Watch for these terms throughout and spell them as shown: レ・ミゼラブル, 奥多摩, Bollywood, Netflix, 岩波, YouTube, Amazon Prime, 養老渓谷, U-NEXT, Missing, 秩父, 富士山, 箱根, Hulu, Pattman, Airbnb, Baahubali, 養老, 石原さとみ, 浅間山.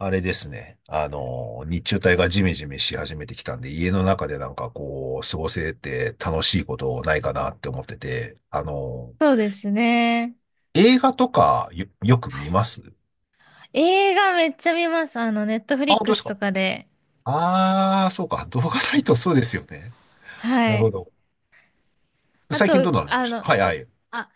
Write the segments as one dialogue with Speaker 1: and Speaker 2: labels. Speaker 1: あれですね。日中帯がジメジメし始めてきたんで、家の中でなんかこう、過ごせて楽しいことないかなって思ってて、
Speaker 2: そうですね。
Speaker 1: 映画とかよ、よく見ます。
Speaker 2: 映画めっちゃ見ます。ネットフ
Speaker 1: あ、
Speaker 2: リッ
Speaker 1: 本当
Speaker 2: ク
Speaker 1: です
Speaker 2: ス
Speaker 1: か？
Speaker 2: とかで。
Speaker 1: ああー、そうか。動画サイトそうですよね。な
Speaker 2: は
Speaker 1: るほ
Speaker 2: い。
Speaker 1: ど。
Speaker 2: あ
Speaker 1: 最近どうなの
Speaker 2: と、
Speaker 1: 見ましたはいはい。
Speaker 2: あ、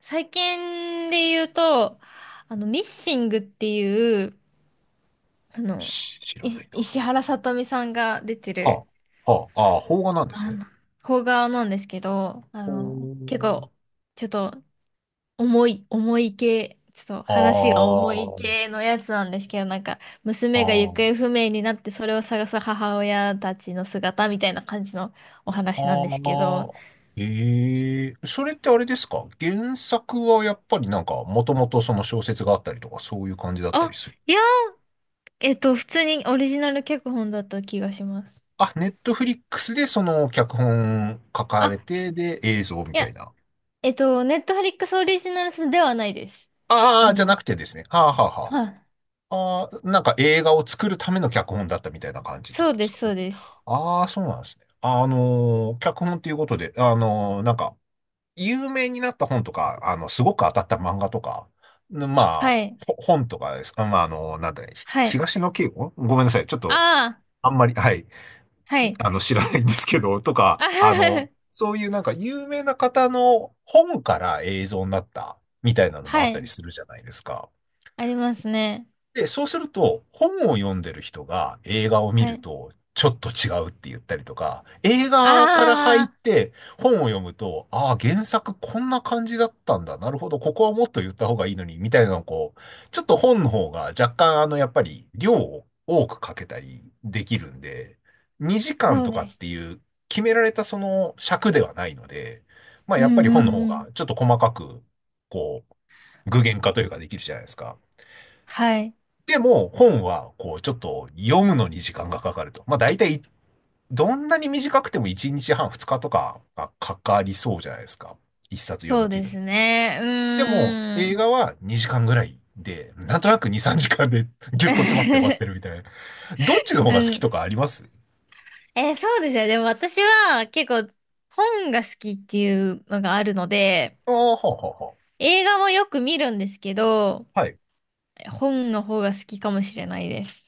Speaker 2: 最近で言うと、ミッシングっていう、あの、
Speaker 1: 知らないな。
Speaker 2: 石原さとみさんが出て
Speaker 1: は
Speaker 2: る、
Speaker 1: あ、はあ、ああ、邦画なんです
Speaker 2: あ
Speaker 1: ね。
Speaker 2: の、邦画なんですけど、結構、ちょっと重い系、ちょっと話が重い
Speaker 1: ほう。
Speaker 2: 系のやつなんですけど、
Speaker 1: ああ、
Speaker 2: 娘が
Speaker 1: あ
Speaker 2: 行方
Speaker 1: あ。
Speaker 2: 不明になってそれを探す母親たちの姿みたいな感じのお話なん
Speaker 1: あ
Speaker 2: ですけど、
Speaker 1: あ、ええ、それってあれですか？原作はやっぱりなんか、もともとその小説があったりとか、そういう感じだったり
Speaker 2: あ、
Speaker 1: する？
Speaker 2: いや、普通にオリジナル脚本だった気がします。
Speaker 1: あ、ネットフリックスでその脚本書か
Speaker 2: あ、
Speaker 1: れて、で、映像み
Speaker 2: い
Speaker 1: たい
Speaker 2: や、
Speaker 1: な。
Speaker 2: ネットフリックスオリジナルではないです。
Speaker 1: あ
Speaker 2: あ
Speaker 1: あ、じゃな
Speaker 2: の、
Speaker 1: くてですね。はあ、は
Speaker 2: は、
Speaker 1: あ、はあ。ああ、なんか映画を作るための脚本だったみたいな感じって
Speaker 2: そ
Speaker 1: こ
Speaker 2: う
Speaker 1: とで
Speaker 2: で
Speaker 1: す
Speaker 2: す、
Speaker 1: か
Speaker 2: そ
Speaker 1: ね。
Speaker 2: うです。
Speaker 1: ああ、そうなんですね。脚本っていうことで、なんか、有名になった本とか、すごく当たった漫画とか、んま
Speaker 2: は
Speaker 1: あ、
Speaker 2: い、
Speaker 1: 本とかですか、まあ、なんだね、
Speaker 2: はい。
Speaker 1: 東野圭吾、ごめんなさい。ちょっと、
Speaker 2: ああ、
Speaker 1: あんまり、はい、
Speaker 2: はい。
Speaker 1: 知らないんですけど、と
Speaker 2: あ
Speaker 1: か、
Speaker 2: ははは
Speaker 1: そういうなんか有名な方の本から映像になったみたいなのもあ
Speaker 2: は
Speaker 1: ったり
Speaker 2: い。
Speaker 1: するじゃないですか。
Speaker 2: ありますね。
Speaker 1: で、そうすると、本を読んでる人が映画を見
Speaker 2: は
Speaker 1: る
Speaker 2: い。
Speaker 1: と、ちょっと違うって言ったりとか、映画から入っ
Speaker 2: あ
Speaker 1: て本を読むと、ああ、原作こんな感じだったんだ、なるほど、ここはもっと言った方がいいのに、みたいなのをこう、ちょっと本の方が若干、やっぱり量を多くかけたりできるんで、2時間
Speaker 2: そう
Speaker 1: とか
Speaker 2: で
Speaker 1: って
Speaker 2: す。
Speaker 1: いう決められたその尺ではないので、まあ
Speaker 2: う
Speaker 1: や
Speaker 2: ん
Speaker 1: っぱり本の
Speaker 2: う
Speaker 1: 方
Speaker 2: んう
Speaker 1: が
Speaker 2: ん。
Speaker 1: ちょっと細かく、こう、具現化というかできるじゃないですか。
Speaker 2: はい。
Speaker 1: でも、本は、こう、ちょっと読むのに時間がかかると。まあ、大体い、どんなに短くても1日半、2日とかがかかりそうじゃないですか。一冊読
Speaker 2: そ
Speaker 1: み
Speaker 2: う
Speaker 1: 切
Speaker 2: で
Speaker 1: るの。
Speaker 2: すね。う
Speaker 1: でも、
Speaker 2: ー
Speaker 1: 映
Speaker 2: ん。
Speaker 1: 画は2時間ぐらいで、なんとなく2、3時間で ギュッと詰まって終わっ てるみたいな。どっちの方が好
Speaker 2: う
Speaker 1: きと
Speaker 2: ん。
Speaker 1: かあります？
Speaker 2: そうですね。でも私は結構本が好きっていうのがあるので、
Speaker 1: ああ、はあ、はあ、は
Speaker 2: 映画もよく見るんですけど、
Speaker 1: あ。はい。
Speaker 2: 本の方が好きかもしれないです。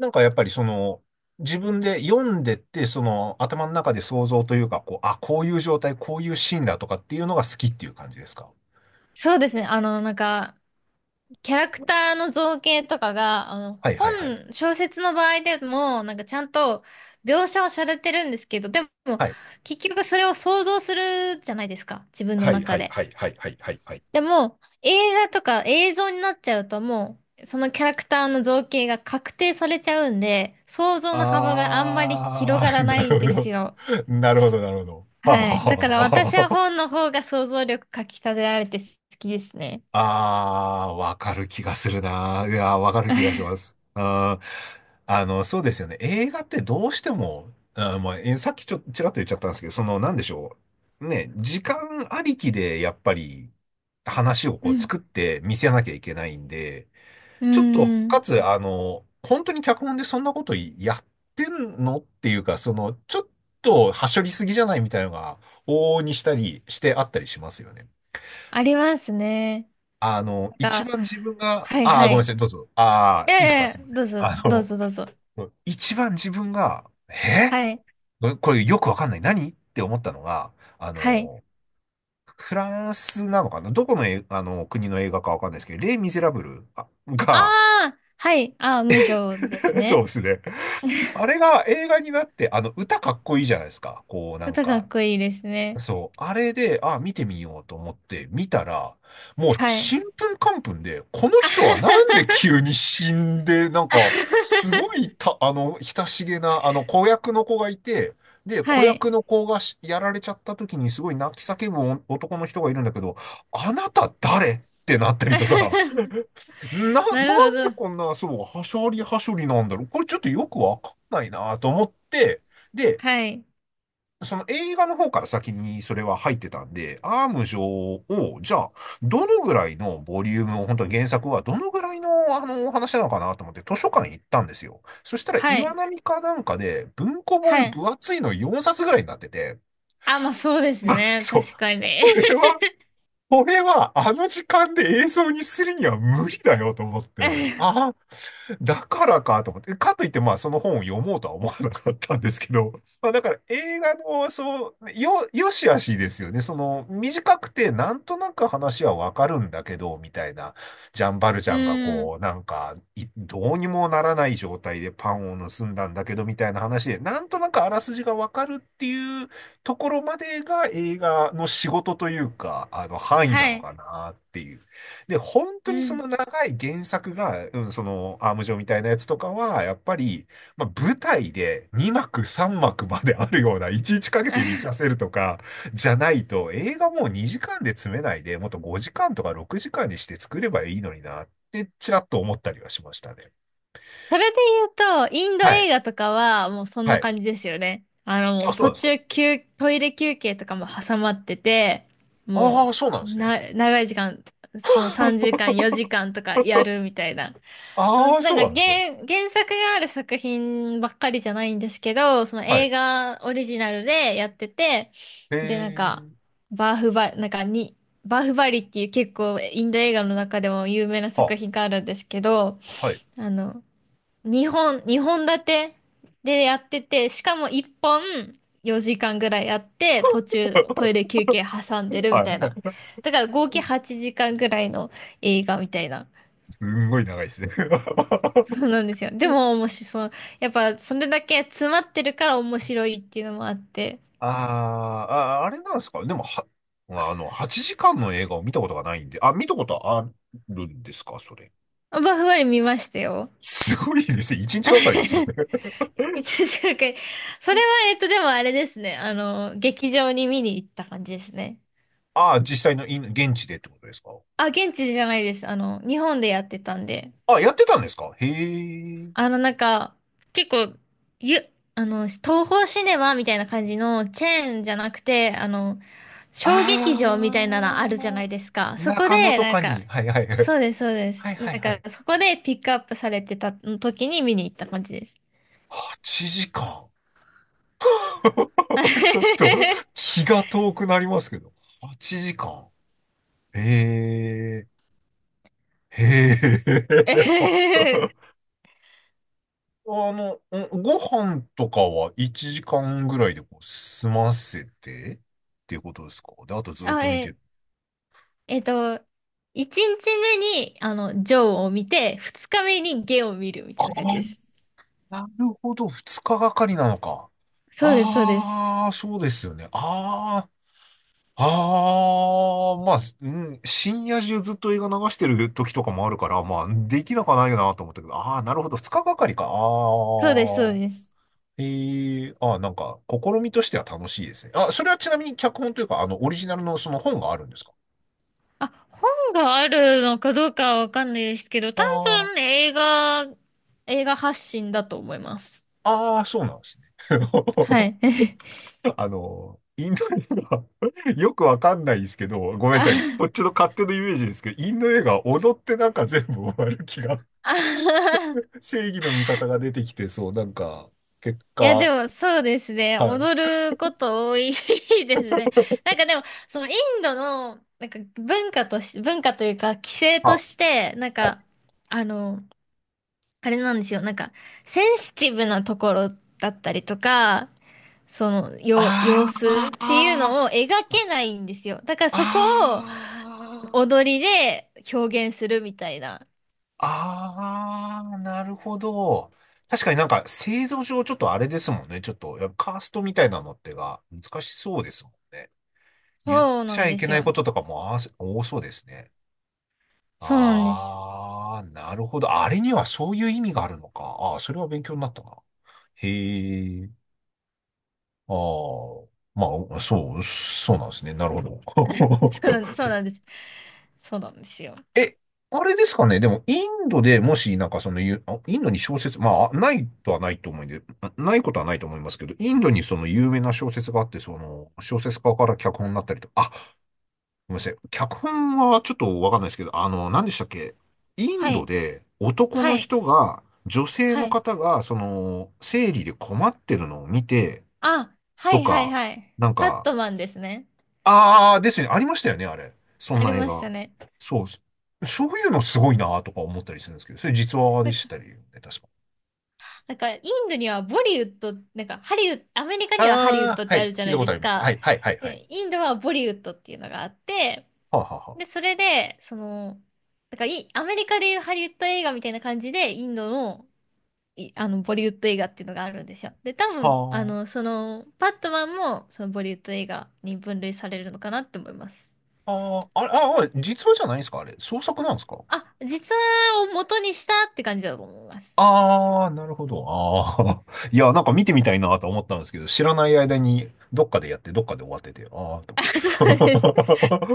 Speaker 1: なんかやっぱりその、自分で読んでって、その頭の中で想像というか、こう、あ、こういう状態、こういうシーンだとかっていうのが好きっていう感じですか？
Speaker 2: そうですね。キャラクターの造形とかが、
Speaker 1: はいはいはい。
Speaker 2: 小説の場合でも、なんかちゃんと描写をされてるんですけど、でも、
Speaker 1: はい
Speaker 2: 結局それを想像するじゃないですか、自分の
Speaker 1: はい
Speaker 2: 中
Speaker 1: はい
Speaker 2: で。
Speaker 1: はいはいはいはいはい。
Speaker 2: でも、映画とか映像になっちゃうともう、そのキャラクターの造形が確定されちゃうんで、想像の幅があんまり広が
Speaker 1: あ
Speaker 2: ら
Speaker 1: ー、
Speaker 2: な
Speaker 1: な
Speaker 2: いん
Speaker 1: るほ
Speaker 2: です
Speaker 1: ど。
Speaker 2: よ。
Speaker 1: なるほど、なるほど。はあ
Speaker 2: はい。だから
Speaker 1: は
Speaker 2: 私
Speaker 1: あ
Speaker 2: は
Speaker 1: は。
Speaker 2: 本の方が想像力かき立てられて好きですね。
Speaker 1: ああー、わかる気がするな。いやー、わかる気がします。あー、そうですよね。映画ってどうしても、あー、まあ、えさっきちょ、ちらっと言っちゃったんですけど、その、なんでしょう。ね、時間ありきで、やっぱり、話を
Speaker 2: う
Speaker 1: こう
Speaker 2: ん。
Speaker 1: 作って見せなきゃいけないんで、
Speaker 2: うー
Speaker 1: ちょっと、
Speaker 2: ん。
Speaker 1: かつ、本当に脚本でそんなことやってんのっていうか、その、ちょっと、はしょりすぎじゃないみたいなのが、往々にしたりしてあったりしますよね。
Speaker 2: ありますね。なん
Speaker 1: 一
Speaker 2: か、
Speaker 1: 番自分が、
Speaker 2: はい
Speaker 1: ああ、
Speaker 2: は
Speaker 1: ごめんなさ
Speaker 2: い。
Speaker 1: い、どうぞ。あ
Speaker 2: え
Speaker 1: あ、いいですか、
Speaker 2: え、
Speaker 1: すいません。
Speaker 2: どうぞ、どうぞどうぞ。
Speaker 1: 一番自分が、
Speaker 2: はい、
Speaker 1: これよくわかんない、何って思ったのが、あ
Speaker 2: はい。
Speaker 1: の、フランスなのかな、どこの、あの国の映画かわかんないですけど、レイ・ミゼラブルあ
Speaker 2: あ
Speaker 1: が、
Speaker 2: あ、はい。ああ、無情です
Speaker 1: そう
Speaker 2: ね。
Speaker 1: ですね。あれが映画になって、あの、歌かっこいいじゃないですか。こう、なん
Speaker 2: 歌か
Speaker 1: か、
Speaker 2: っこいいですね。
Speaker 1: そう、あれで、あ、見てみようと思って見たら、もう、
Speaker 2: は
Speaker 1: ち
Speaker 2: い。
Speaker 1: んぷんかんぷんで、この人はなんで 急に死んで、なん
Speaker 2: あは
Speaker 1: か、す
Speaker 2: は
Speaker 1: ご
Speaker 2: は
Speaker 1: い、親しげな、子役の子がいて、で、子
Speaker 2: い。
Speaker 1: 役の子がやられちゃった時にすごい泣き叫ぶ男の人がいるんだけど、あなた誰ってなった り
Speaker 2: あは
Speaker 1: とか、
Speaker 2: は
Speaker 1: なん
Speaker 2: なるほ
Speaker 1: で
Speaker 2: ど。
Speaker 1: こんな、そう、はしょりはしょりなんだろう、これちょっとよくわかんないなと思って、で、
Speaker 2: はい。
Speaker 1: その映画の方から先にそれは入ってたんで、アーム上を、じゃあ、どのぐらいのボリュームを、本当に原作はどのぐらいの、お話なのかなと思って図書館行ったんですよ。そしたら
Speaker 2: は
Speaker 1: 岩
Speaker 2: い。
Speaker 1: 波かなんかで文庫
Speaker 2: は
Speaker 1: 本
Speaker 2: い。
Speaker 1: 分厚いの4冊ぐらいになってて、
Speaker 2: あ、まあそうです
Speaker 1: あ、
Speaker 2: ね。
Speaker 1: そう、
Speaker 2: 確かに。
Speaker 1: これは、これは、あの時間で映像にするには無理だよと思って。あ だからかと思って、かといって、まあ、その本を読もうとは思わなかったんですけど、まあ、だから映画の、そう、よしあしですよね。その、短くて、なんとなく話はわかるんだけど、みたいな、ジャンバルジ
Speaker 2: う
Speaker 1: ャンがこ
Speaker 2: ん。
Speaker 1: う、なんか、どうにもならない状態でパンを盗んだんだけど、みたいな話で、なんとなくあらすじがわかるっていうところまでが映画の仕事というか、範囲な
Speaker 2: は
Speaker 1: の
Speaker 2: い。
Speaker 1: かなっていう。で、本当
Speaker 2: う
Speaker 1: にそ
Speaker 2: ん。
Speaker 1: の長い原作が、うん、その、アーム状みたいなやつとかは、やっぱり、まあ、舞台で2幕3幕まであるような、いちいちかけて見させるとか、じゃないと、映画もう2時間で詰めないで、もっと5時間とか6時間にして作ればいいのにな、ってちらっと思ったりはしましたね。
Speaker 2: それで言うと、インド
Speaker 1: はい。
Speaker 2: 映画とかはもうそん
Speaker 1: は
Speaker 2: な
Speaker 1: い。
Speaker 2: 感じですよね。も
Speaker 1: あ、
Speaker 2: う
Speaker 1: そうな
Speaker 2: 途
Speaker 1: んですか。
Speaker 2: 中休、トイレ休憩とかも挟まってて、
Speaker 1: あ
Speaker 2: も
Speaker 1: あ、そうなん
Speaker 2: う、
Speaker 1: ですね。
Speaker 2: 長い時間、その3時間、4時間とかやるみたいな。
Speaker 1: ああ、そうなんですね。
Speaker 2: 原作がある作品ばっかりじゃないんですけど、その
Speaker 1: はい。
Speaker 2: 映画オリジナルでやってて、
Speaker 1: へ
Speaker 2: で、
Speaker 1: えー。
Speaker 2: バーフバ、なんかに、バーフバリっていう結構インド映画の中でも有名な
Speaker 1: は、
Speaker 2: 作品があるんですけど、
Speaker 1: はい。
Speaker 2: あの、日本立てでやってて、しかも1本4時間ぐらいやって、途中トイ レ休憩挟んでるみ
Speaker 1: は
Speaker 2: たいな。
Speaker 1: い。
Speaker 2: だから合計8時間ぐらいの映画みたいな。
Speaker 1: すんごい長いですね。
Speaker 2: そうなんですよ。でも面白いそう。やっぱそれだけ詰まってるから面白いっていうのもあって。
Speaker 1: あーあ、あれなんですかでも、は、まあの、8時間の映画を見たことがないんで、あ、見たことあるんですかそれ。
Speaker 2: まあバフバリ見ましたよ。
Speaker 1: すごいですね。1日がかりですよね。
Speaker 2: 一時間くらい。それは、でもあれですね。劇場に見に行った感じですね。
Speaker 1: ああ、実際の現地でってことですか？
Speaker 2: あ、現地じゃないです。日本でやってたんで。
Speaker 1: あ、やってたんですか？へえ。
Speaker 2: あの、なんか、結構、ゆ、あの、東宝シネマみたいな感じのチェーンじゃなくて、小劇場みたいなのあ
Speaker 1: あ
Speaker 2: るじゃないです
Speaker 1: あ、
Speaker 2: か。そこ
Speaker 1: 中野
Speaker 2: で、
Speaker 1: とかに。はいはいはい。
Speaker 2: そうです、そうで
Speaker 1: は
Speaker 2: す。
Speaker 1: いはいはい。
Speaker 2: そこでピックアップされてた時に見に行った感じです。
Speaker 1: 8時間。ちょっと 気が遠くなりますけど。8時間。へえ、へ
Speaker 2: え
Speaker 1: え。
Speaker 2: へへ
Speaker 1: あの、ご飯とかは1時間ぐらいでこう済ませてっていうことですか？で、あとずっと
Speaker 2: あ、
Speaker 1: 見てる。
Speaker 2: えっと、1日目に、ジョーを見て、2日目にゲを見るみ
Speaker 1: あ
Speaker 2: たいな感じで
Speaker 1: あ、
Speaker 2: す。
Speaker 1: なるほど。2日がかりなのか。
Speaker 2: そうです、そうです。
Speaker 1: ああ、そうですよね。ああ、ああ、まあ、うん、深夜中ずっと映画流してる時とかもあるから、まあ、できなくはないよなと思ったけど、ああ、なるほど。2日がかりか。あ
Speaker 2: そうです、そう
Speaker 1: あ。
Speaker 2: です。
Speaker 1: ええ、あ、なんか、試みとしては楽しいですね。あ、それはちなみに脚本というか、オリジナルのその本があるんですか？
Speaker 2: あ、本があるのかどうかはわかんないですけど、
Speaker 1: あ
Speaker 2: 多
Speaker 1: あー、
Speaker 2: 分映画発信だと思います。
Speaker 1: ああ、そうなんですね。
Speaker 2: はい。
Speaker 1: インド映画 よくわかんないですけど、ごめんな
Speaker 2: あ、
Speaker 1: さい。こっちの勝手なイメージですけど、インド映画、踊ってなんか全部終わる気が、
Speaker 2: あ、
Speaker 1: 正義の味方が出てきて、そう、なんか、結
Speaker 2: いや、で
Speaker 1: 果、
Speaker 2: もそうですね。
Speaker 1: は
Speaker 2: 踊
Speaker 1: い。
Speaker 2: ること多い ですね。なんかでも、そのインドの、文化というか、規制と
Speaker 1: あ、
Speaker 2: して、
Speaker 1: はい。
Speaker 2: あの、あれなんですよ。センシティブなところだったりとか、その、様
Speaker 1: あ
Speaker 2: 子
Speaker 1: あ、
Speaker 2: っていう
Speaker 1: ああ、
Speaker 2: のを
Speaker 1: そっ
Speaker 2: 描
Speaker 1: か。
Speaker 2: けないんですよ。だからそこを
Speaker 1: ああ。
Speaker 2: 踊りで表現するみたいな。
Speaker 1: あー、なるほど。確かになんか制度上ちょっとあれですもんね。ちょっと、やっぱカーストみたいなのってが難しそうですもんね。言っ
Speaker 2: そう
Speaker 1: ち
Speaker 2: なん
Speaker 1: ゃい
Speaker 2: で
Speaker 1: け
Speaker 2: す
Speaker 1: ない
Speaker 2: よ。
Speaker 1: こととかも多そうですね。
Speaker 2: そうなんです。
Speaker 1: あー、なるほど。あれにはそういう意味があるのか。あー、それは勉強になったな。へー。あー。まあ、そうなんですね。なるほど。
Speaker 2: そうなんで す。そうなんです。そうなんですよ。
Speaker 1: え、あれですかね。でも、インドでもし、なんかそのゆ、あインドに小説、まあ、ないと思うんで、ないことはないと思いますけど、インドにその有名な小説があって、その、小説家から脚本になったりとごめんなさい。脚本はちょっとわかんないですけど、あの、何でしたっけ。イン
Speaker 2: は
Speaker 1: ド
Speaker 2: い。
Speaker 1: で男
Speaker 2: は
Speaker 1: の
Speaker 2: い。
Speaker 1: 人が、女性
Speaker 2: は
Speaker 1: の
Speaker 2: い。
Speaker 1: 方が、その、生理で困ってるのを見て、
Speaker 2: あ、は
Speaker 1: と
Speaker 2: いはい
Speaker 1: か、
Speaker 2: はい。
Speaker 1: なん
Speaker 2: パッ
Speaker 1: か、
Speaker 2: トマンですね。
Speaker 1: ああ、ですよね。ありましたよね、あれ。そ
Speaker 2: あ
Speaker 1: ん
Speaker 2: り
Speaker 1: な映
Speaker 2: ました
Speaker 1: 画。
Speaker 2: ね。
Speaker 1: そうです。そういうのすごいなとか思ったりするんですけど、それ実話でしたりね、確か。
Speaker 2: インドにはボリウッド、ハリウッド、アメリカにはハリウッ
Speaker 1: ああ、
Speaker 2: ドっ
Speaker 1: は
Speaker 2: てあ
Speaker 1: い。
Speaker 2: るじゃ
Speaker 1: 聞い
Speaker 2: な
Speaker 1: た
Speaker 2: い
Speaker 1: こ
Speaker 2: で
Speaker 1: とあり
Speaker 2: す
Speaker 1: ます。は
Speaker 2: か。
Speaker 1: い、はい、はい、はい。
Speaker 2: で、インドはボリウッドっていうのがあって、
Speaker 1: はあ、は
Speaker 2: で、それで、その、なんかい、アメリカでいうハリウッド映画みたいな感じで、インドの、いあの、ボリウッド映画っていうのがあるんですよ。で、多
Speaker 1: あ、
Speaker 2: 分、
Speaker 1: はあ。
Speaker 2: バットマンも、そのボリウッド映画に分類されるのかなって思います。
Speaker 1: はあ、ああれ、ああ、実話じゃないんですかあれ。創作なんですか。
Speaker 2: あ、実話を元にしたって感じだと思います。
Speaker 1: なるほど。ああ。いや、なんか見てみたいなと思ったんですけど、知らない間にどっかでやって、どっかで終わってて、ああ、と
Speaker 2: あ、そう
Speaker 1: 思
Speaker 2: です。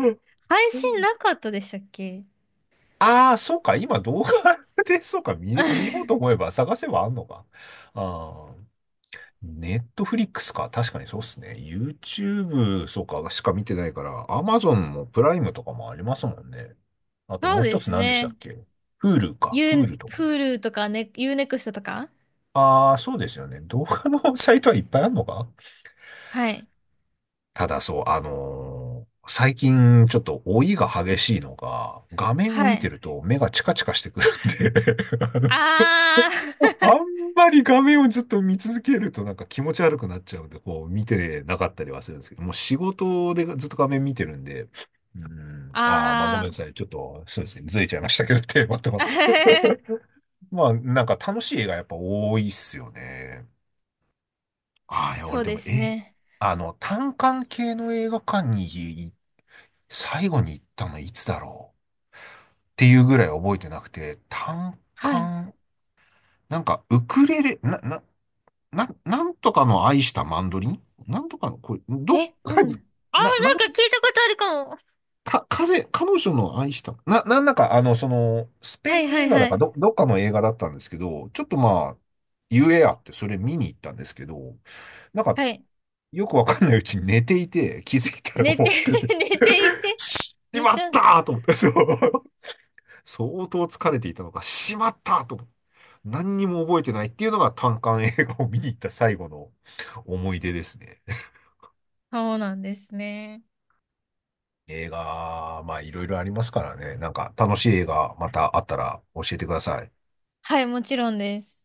Speaker 1: って。
Speaker 2: 配信な かったでしたっけ？
Speaker 1: ああ、そうか、今動画で、そうか、見ようと 思えば探せばあんのか。ああ、ネットフリックスか。確かにそうっすね。YouTube、そうか、しか見てないから、Amazon もプライムとかもありますもんね。あと
Speaker 2: そ
Speaker 1: も
Speaker 2: う
Speaker 1: う
Speaker 2: で
Speaker 1: 一つ
Speaker 2: す
Speaker 1: 何でしたっ
Speaker 2: ね。
Speaker 1: け ?Hulu か。Hulu とかも。
Speaker 2: Hulu とか、ね、U-NEXT とか、
Speaker 1: ああ、そうですよね。動画のサイトはいっぱいあるのか。
Speaker 2: はい。
Speaker 1: ただそう、あのー、最近ちょっと老いが激しいのが、画面を
Speaker 2: は
Speaker 1: 見て
Speaker 2: い。
Speaker 1: ると目がチカチカしてくるんで、
Speaker 2: あ
Speaker 1: あん
Speaker 2: ー
Speaker 1: まり画面をずっと見続けるとなんか気持ち悪くなっちゃうんで、こう見てなかったりはするんですけど、もう仕事でずっと画面見てるんで、う ん、ああ、まあごめんな
Speaker 2: あ
Speaker 1: さい。ちょっと、そうですね。ずれちゃいましたけど、テーマとは。
Speaker 2: ー
Speaker 1: まあ、なんか楽しい映画やっぱ多いっすよね。ああ、いや、
Speaker 2: そ
Speaker 1: 俺
Speaker 2: う
Speaker 1: で
Speaker 2: で
Speaker 1: も、
Speaker 2: すね。
Speaker 1: あの、単館系の映画館に最後に行ったのいつだろうっていうぐらい覚えてなくて、単
Speaker 2: はい。
Speaker 1: 館、なんかウクレレ、な、な、な、なんとかの愛したマンドリン、なんとかの、これ、どっ
Speaker 2: え、な
Speaker 1: か
Speaker 2: ん
Speaker 1: に、
Speaker 2: だあー、
Speaker 1: な、なん、
Speaker 2: なんか聞いたことあるかも。
Speaker 1: 彼女の愛した、なんだか、あの、その、スペ
Speaker 2: は
Speaker 1: イ
Speaker 2: い
Speaker 1: ン
Speaker 2: は
Speaker 1: 映
Speaker 2: い
Speaker 1: 画だ
Speaker 2: は
Speaker 1: か、
Speaker 2: い。
Speaker 1: どっかの映画だったんですけど、ちょっとまあ、ゆえあって、それ見に行ったんですけど、なんか、
Speaker 2: はい。
Speaker 1: よくわかんないうちに寝ていて、気づいたら
Speaker 2: 寝
Speaker 1: 終
Speaker 2: て
Speaker 1: わって て、
Speaker 2: 寝てい て。
Speaker 1: し
Speaker 2: 寝
Speaker 1: ま
Speaker 2: ち
Speaker 1: っ
Speaker 2: ゃ
Speaker 1: た
Speaker 2: う。
Speaker 1: ーと思って、そう。相当疲れていたのか、しまったーと思って、何にも覚えてないっていうのが、単館映画を見に行った最後の思い出ですね。
Speaker 2: そうなんですね。
Speaker 1: 映画、まあいろいろありますからね。なんか楽しい映画またあったら教えてください。
Speaker 2: はい、もちろんです。